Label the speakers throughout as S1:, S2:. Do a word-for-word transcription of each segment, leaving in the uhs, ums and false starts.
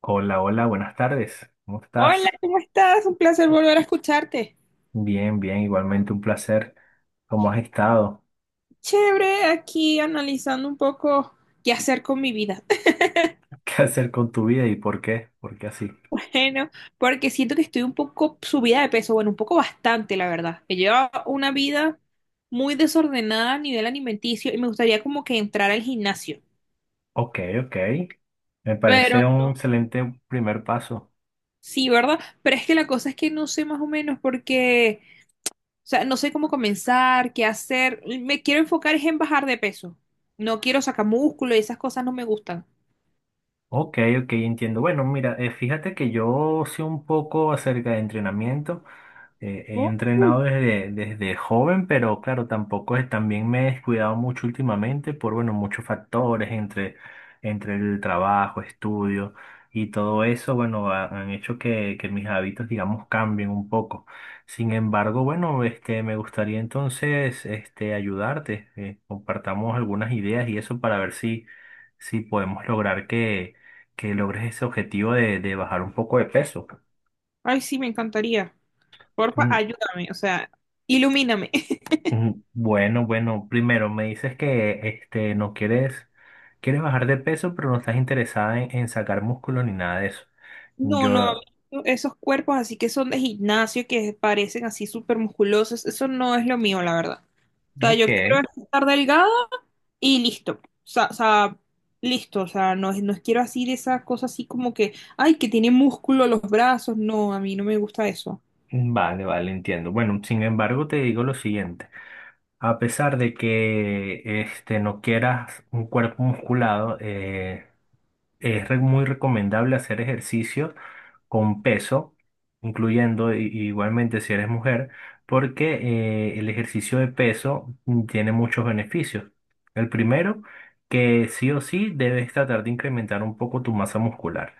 S1: Hola, hola, buenas tardes. ¿Cómo
S2: Hola,
S1: estás?
S2: ¿cómo estás? Un placer volver a escucharte.
S1: Bien, bien, igualmente un placer. ¿Cómo has estado?
S2: Chévere, aquí analizando un poco qué hacer con mi vida.
S1: ¿Qué hacer con tu vida y por qué? ¿Por qué así?
S2: Bueno, porque siento que estoy un poco subida de peso, bueno, un poco bastante, la verdad. He llevado una vida muy desordenada a nivel alimenticio y me gustaría como que entrar al gimnasio.
S1: Ok, ok. Me
S2: Pero
S1: parece un
S2: no,
S1: excelente primer paso.
S2: sí, ¿verdad? Pero es que la cosa es que no sé más o menos porque, o sea, no sé cómo comenzar, qué hacer. Me quiero enfocar es en bajar de peso. No quiero sacar músculo y esas cosas no me gustan.
S1: Ok, ok, entiendo. Bueno, mira, eh, fíjate que yo sé un poco acerca de entrenamiento. Eh, he
S2: Oh.
S1: entrenado desde, desde joven, pero claro, tampoco es, también me he descuidado mucho últimamente por, bueno, muchos factores entre, entre el trabajo, estudio y todo eso, bueno, ha- han hecho que, que mis hábitos, digamos, cambien un poco. Sin embargo, bueno, este, me gustaría entonces, este, ayudarte, eh, compartamos algunas ideas y eso para ver si, si podemos lograr que, que logres ese objetivo de, de bajar un poco de peso.
S2: Ay, sí, me encantaría. Porfa,
S1: Mm.
S2: ayúdame, o sea, ilumíname.
S1: Mm, bueno, bueno, primero me dices que este no quieres, quieres bajar de peso, pero no estás interesada en, en sacar músculo ni nada de eso.
S2: No, no,
S1: Yo,
S2: esos cuerpos así que son de gimnasio, que parecen así súper musculosos, eso no es lo mío, la verdad. O sea, yo
S1: ok,
S2: quiero estar delgada y listo. O sea, o sea, listo, o sea, no, es, no quiero así de esas cosas así como que, ay, que tiene músculo los brazos, no, a mí no me gusta eso.
S1: vale, vale, entiendo. Bueno, sin embargo, te digo lo siguiente. A pesar de que este no quieras un cuerpo musculado, eh, Es re- muy recomendable hacer ejercicio con peso, incluyendo i- igualmente si eres mujer, porque eh, el ejercicio de peso mm, tiene muchos beneficios. El primero, que sí o sí debes tratar de incrementar un poco tu masa muscular,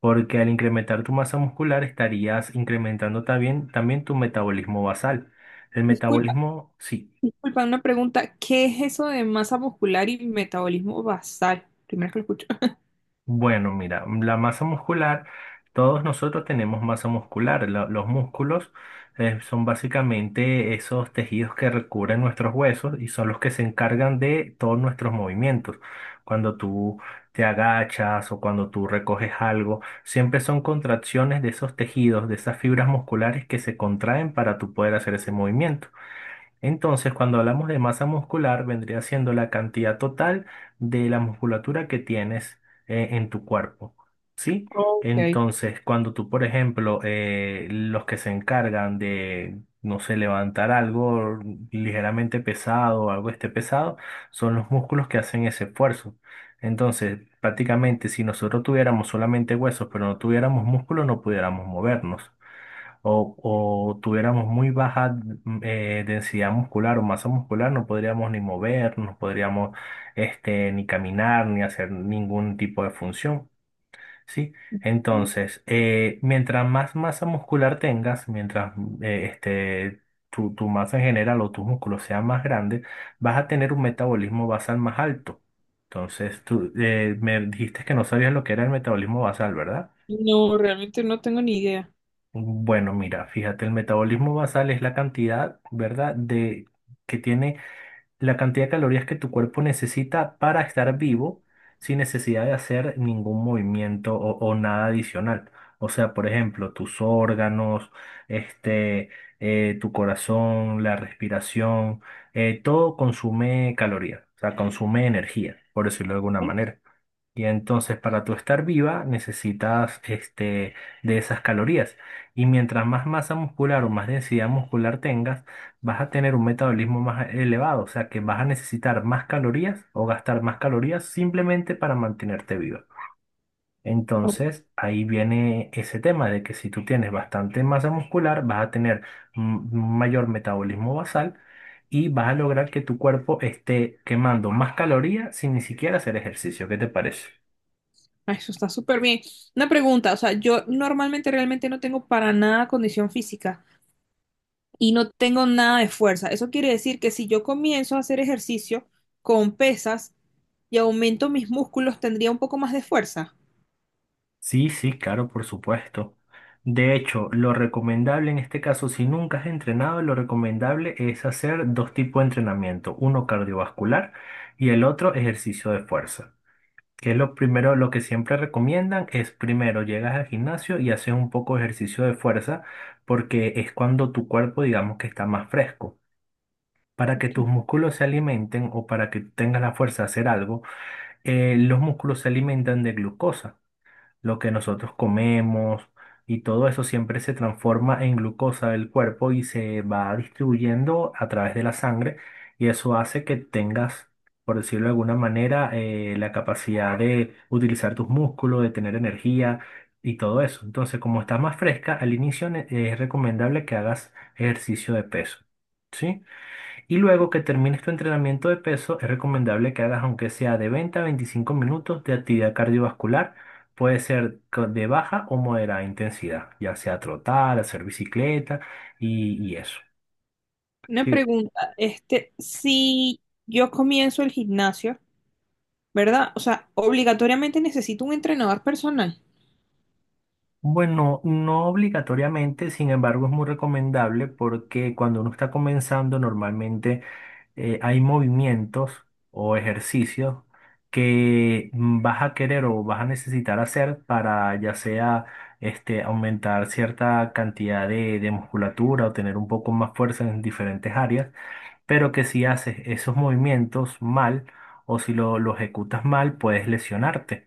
S1: porque al incrementar tu masa muscular estarías incrementando también, también tu metabolismo basal. El
S2: Disculpa,
S1: metabolismo, sí,
S2: disculpa, una pregunta, ¿qué es eso de masa muscular y metabolismo basal? Primero que lo escucho.
S1: bueno, mira, la masa muscular, todos nosotros tenemos masa muscular. Lo- los músculos eh, son básicamente esos tejidos que recubren nuestros huesos y son los que se encargan de todos nuestros movimientos. Cuando tú te agachas o cuando tú recoges algo, siempre son contracciones de esos tejidos, de esas fibras musculares que se contraen para tú poder hacer ese movimiento. Entonces, cuando hablamos de masa muscular, vendría siendo la cantidad total de la musculatura que tienes eh, en tu cuerpo, ¿sí?
S2: Ok.
S1: Entonces, cuando tú, por ejemplo, eh, los que se encargan de, no sé, levantar algo ligeramente pesado o algo esté pesado, son los músculos que hacen ese esfuerzo. Entonces, prácticamente, si nosotros tuviéramos solamente huesos, pero no tuviéramos músculo, no pudiéramos movernos o, o tuviéramos muy baja mm, eh, densidad muscular o masa muscular, no podríamos ni movernos, no podríamos este, ni caminar, ni hacer ningún tipo de función, ¿sí? Entonces, eh, mientras más masa muscular tengas, mientras eh, este, tu, tu masa en general o tus músculos sean más grandes, vas a tener un metabolismo basal más alto. Entonces, tú eh, me dijiste que no sabías lo que era el metabolismo basal, ¿verdad?
S2: No, realmente no tengo ni idea.
S1: Bueno, mira, fíjate, el metabolismo basal es la cantidad, ¿verdad?, de que tiene la cantidad de calorías que tu cuerpo necesita para estar vivo sin necesidad de hacer ningún movimiento o, o nada adicional. O sea, por ejemplo, tus órganos, este, eh, tu corazón, la respiración, eh, todo consume calorías, o sea, consume energía, por decirlo de alguna
S2: ¿Eh?
S1: manera. Y entonces para tú estar viva necesitas este, de esas calorías. Y mientras más masa muscular o más densidad muscular tengas, vas a tener un metabolismo más elevado. O sea que vas a necesitar más calorías o gastar más calorías simplemente para mantenerte viva.
S2: Oh,
S1: Entonces ahí viene ese tema de que si tú tienes bastante masa muscular, vas a tener un un mayor metabolismo basal y vas a lograr que tu cuerpo esté quemando más calorías sin ni siquiera hacer ejercicio. ¿Qué te parece?
S2: ah, eso está súper bien. Una pregunta, o sea, yo normalmente realmente no tengo para nada condición física y no tengo nada de fuerza. Eso quiere decir que si yo comienzo a hacer ejercicio con pesas y aumento mis músculos, tendría un poco más de fuerza.
S1: Sí, sí, claro, por supuesto. De hecho, lo recomendable en este caso, si nunca has entrenado, lo recomendable es hacer dos tipos de entrenamiento, uno cardiovascular y el otro ejercicio de fuerza. Que es lo primero, lo que siempre recomiendan es primero llegas al gimnasio y haces un poco de ejercicio de fuerza porque es cuando tu cuerpo, digamos que está más fresco. Para que
S2: Ok.
S1: tus músculos se alimenten o para que tengas la fuerza de hacer algo, eh, los músculos se alimentan de glucosa lo que nosotros comemos y todo eso siempre se transforma en glucosa del cuerpo y se va distribuyendo a través de la sangre y eso hace que tengas, por decirlo de alguna manera, eh, la capacidad de utilizar tus músculos, de tener energía y todo eso. Entonces, como estás más fresca, al inicio ne- es recomendable que hagas ejercicio de peso. ¿Sí? Y luego que termines tu entrenamiento de peso, es recomendable que hagas aunque sea de veinte a veinticinco minutos de actividad cardiovascular. Puede ser co- de baja o moderada intensidad, ya sea trotar, hacer bicicleta y, y eso.
S2: Una
S1: Que,
S2: pregunta, este, si yo comienzo el gimnasio, ¿verdad? O sea, obligatoriamente necesito un entrenador personal.
S1: bueno, no obligatoriamente, sin embargo, es muy recomendable porque cuando uno está comenzando, normalmente eh, hay movimientos o ejercicios que mm, vas a querer o vas a necesitar hacer para ya sea este, aumentar cierta cantidad de, de musculatura o tener un poco más fuerza en diferentes áreas, pero que si haces esos movimientos mal o si lo, lo ejecutas mal, puedes lesionarte.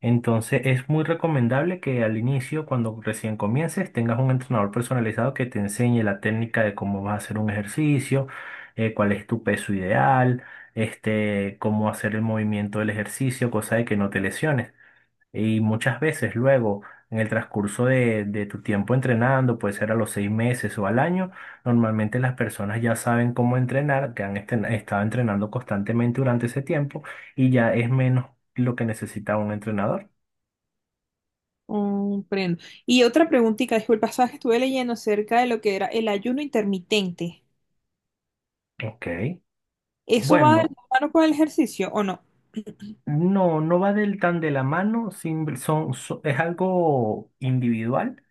S1: Entonces es muy recomendable que al inicio, cuando recién comiences, tengas un entrenador personalizado que te enseñe la técnica de cómo vas a hacer un ejercicio, eh, cuál es tu peso ideal, este, cómo hacer el movimiento del ejercicio, cosa de que no te lesiones. Y muchas veces luego, en el transcurso de, de tu tiempo entrenando, puede ser a los seis meses o al año, normalmente las personas ya saben cómo entrenar, que han esten- estado entrenando constantemente durante ese tiempo y ya es menos lo que necesita un entrenador.
S2: Comprendo. Y otra preguntita, disculpa, sabes que estuve leyendo acerca de lo que era el ayuno intermitente.
S1: Ok.
S2: ¿Eso va de
S1: Bueno,
S2: la mano con el ejercicio o no?
S1: no, no va del tan de la mano, simple- son, so- es algo individual.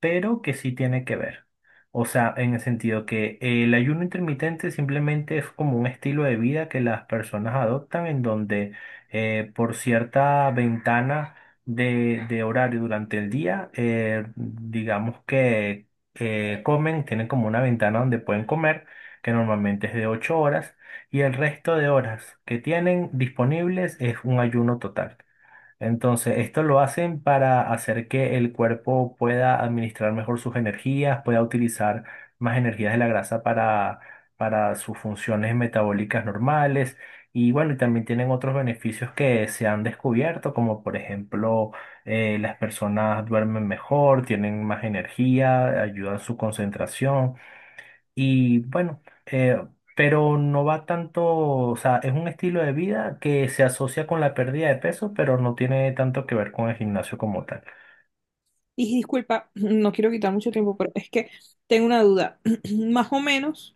S1: Pero que sí tiene que ver. O sea, en el sentido que el ayuno intermitente simplemente es como un estilo de vida que las personas adoptan en donde eh, por cierta ventana de, de horario durante el día, eh, digamos que eh, comen, tienen como una ventana donde pueden comer, que normalmente es de ocho horas, y el resto de horas que tienen disponibles es un ayuno total. Entonces, esto lo hacen para hacer que el cuerpo pueda administrar mejor sus energías, pueda utilizar más energías de la grasa para, para sus funciones metabólicas normales. Y bueno, y también tienen otros beneficios que se han descubierto, como por ejemplo, eh, las personas duermen mejor, tienen más energía, ayudan su concentración. Y bueno, eh, pero no va tanto, o sea, es un estilo de vida que se asocia con la pérdida de peso, pero no tiene tanto que ver con el gimnasio como tal.
S2: Y disculpa, no quiero quitar mucho tiempo, pero es que tengo una duda. Más o menos,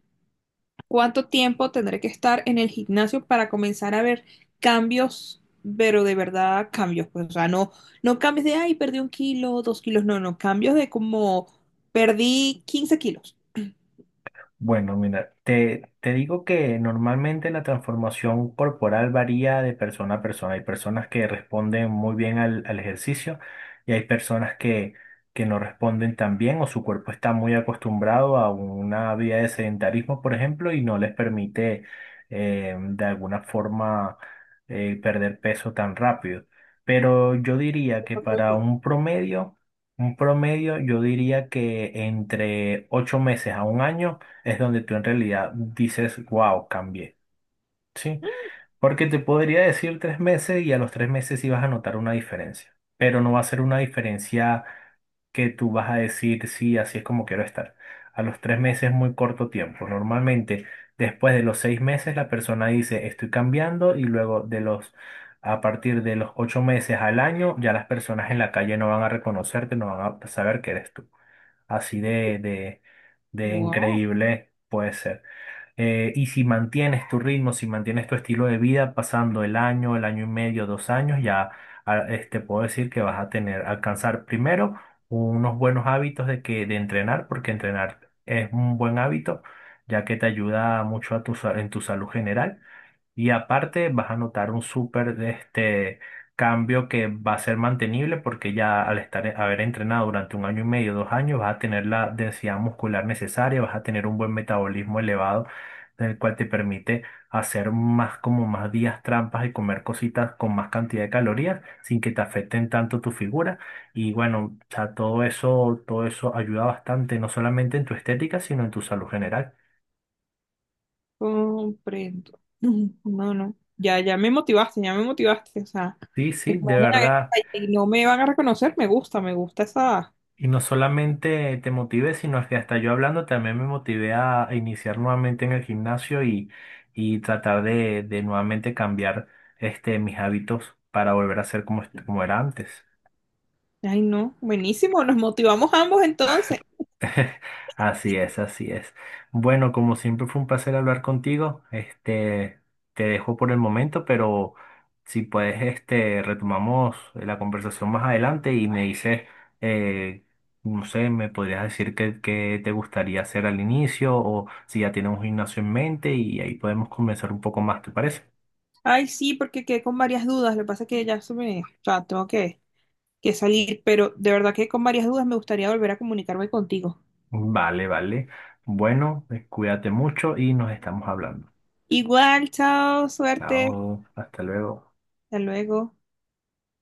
S2: ¿cuánto tiempo tendré que estar en el gimnasio para comenzar a ver cambios, pero de verdad cambios? Pues, o sea, no, no cambios de, ay, perdí un kilo, dos kilos, no, no, cambios de como perdí quince kilos.
S1: Bueno, mira, te, te digo que normalmente la transformación corporal varía de persona a persona. Hay personas que responden muy bien al, al ejercicio y hay personas que, que no responden tan bien o su cuerpo está muy acostumbrado a una vida de sedentarismo, por ejemplo, y no les permite eh, de alguna forma eh, perder peso tan rápido. Pero yo diría que
S2: Esa soy
S1: para
S2: yo.
S1: un promedio, un promedio, yo diría que entre ocho meses a un año, es donde tú en realidad dices, wow, cambié, ¿sí? Porque te podría decir tres meses y a los tres meses sí vas a notar una diferencia, pero no va a ser una diferencia que tú vas a decir, sí, así es como quiero estar. A los tres meses es muy corto tiempo. Normalmente, después de los seis meses, la persona dice, estoy cambiando y luego de los... A partir de los ocho meses al año, ya las personas en la calle no van a reconocerte, no van a saber que eres tú. Así de, de, de
S2: Wow,
S1: increíble puede ser. Eh, y si mantienes tu ritmo, si mantienes tu estilo de vida, pasando el año, el año y medio, dos años, ya a- este, puedo decir que vas a tener, alcanzar primero unos buenos hábitos de que, de entrenar, porque entrenar es un buen hábito, ya que te ayuda mucho a tu, sa- en tu salud general. Y aparte vas a notar un súper este, cambio que va a ser mantenible porque ya al estar, eh, haber entrenado durante un año y medio, dos años, vas a tener la densidad muscular necesaria, vas a tener un buen metabolismo elevado, el cual te permite hacer más como más días trampas y comer cositas con más cantidad de calorías sin que te afecten tanto tu figura. Y bueno, o sea, todo eso, todo eso ayuda bastante, no solamente en tu estética, sino en tu salud general.
S2: comprendo. Ujú. No, no. Ya, ya me motivaste, ya me motivaste. O sea,
S1: Sí,
S2: de
S1: sí,
S2: que me
S1: de
S2: hagan
S1: verdad.
S2: la guerra y no me van a reconocer, me gusta, me gusta esa.
S1: Y no solamente te motivé, sino que hasta yo hablando también me motivé a iniciar nuevamente en el gimnasio y, y tratar de, de nuevamente cambiar este, mis hábitos para volver a ser como, est- como era antes.
S2: Ay, no, buenísimo, nos motivamos ambos entonces.
S1: Así es, así es. Bueno, como siempre fue un placer hablar contigo. Este, te dejo por el momento, pero si puedes, este, retomamos la conversación más adelante y me dices, eh, no sé, me podrías decir qué, qué te gustaría hacer al inicio o si ya tienes un gimnasio en mente y ahí podemos comenzar un poco más, ¿te parece?
S2: Ay, sí, porque quedé con varias dudas. Lo que pasa es que ya se me. O sea, tengo que. que salir, pero de verdad que con varias dudas me gustaría volver a comunicarme contigo.
S1: Vale, vale. Bueno, eh, cuídate mucho y nos estamos hablando.
S2: Igual, chao, suerte,
S1: Chao, hasta luego.
S2: hasta luego.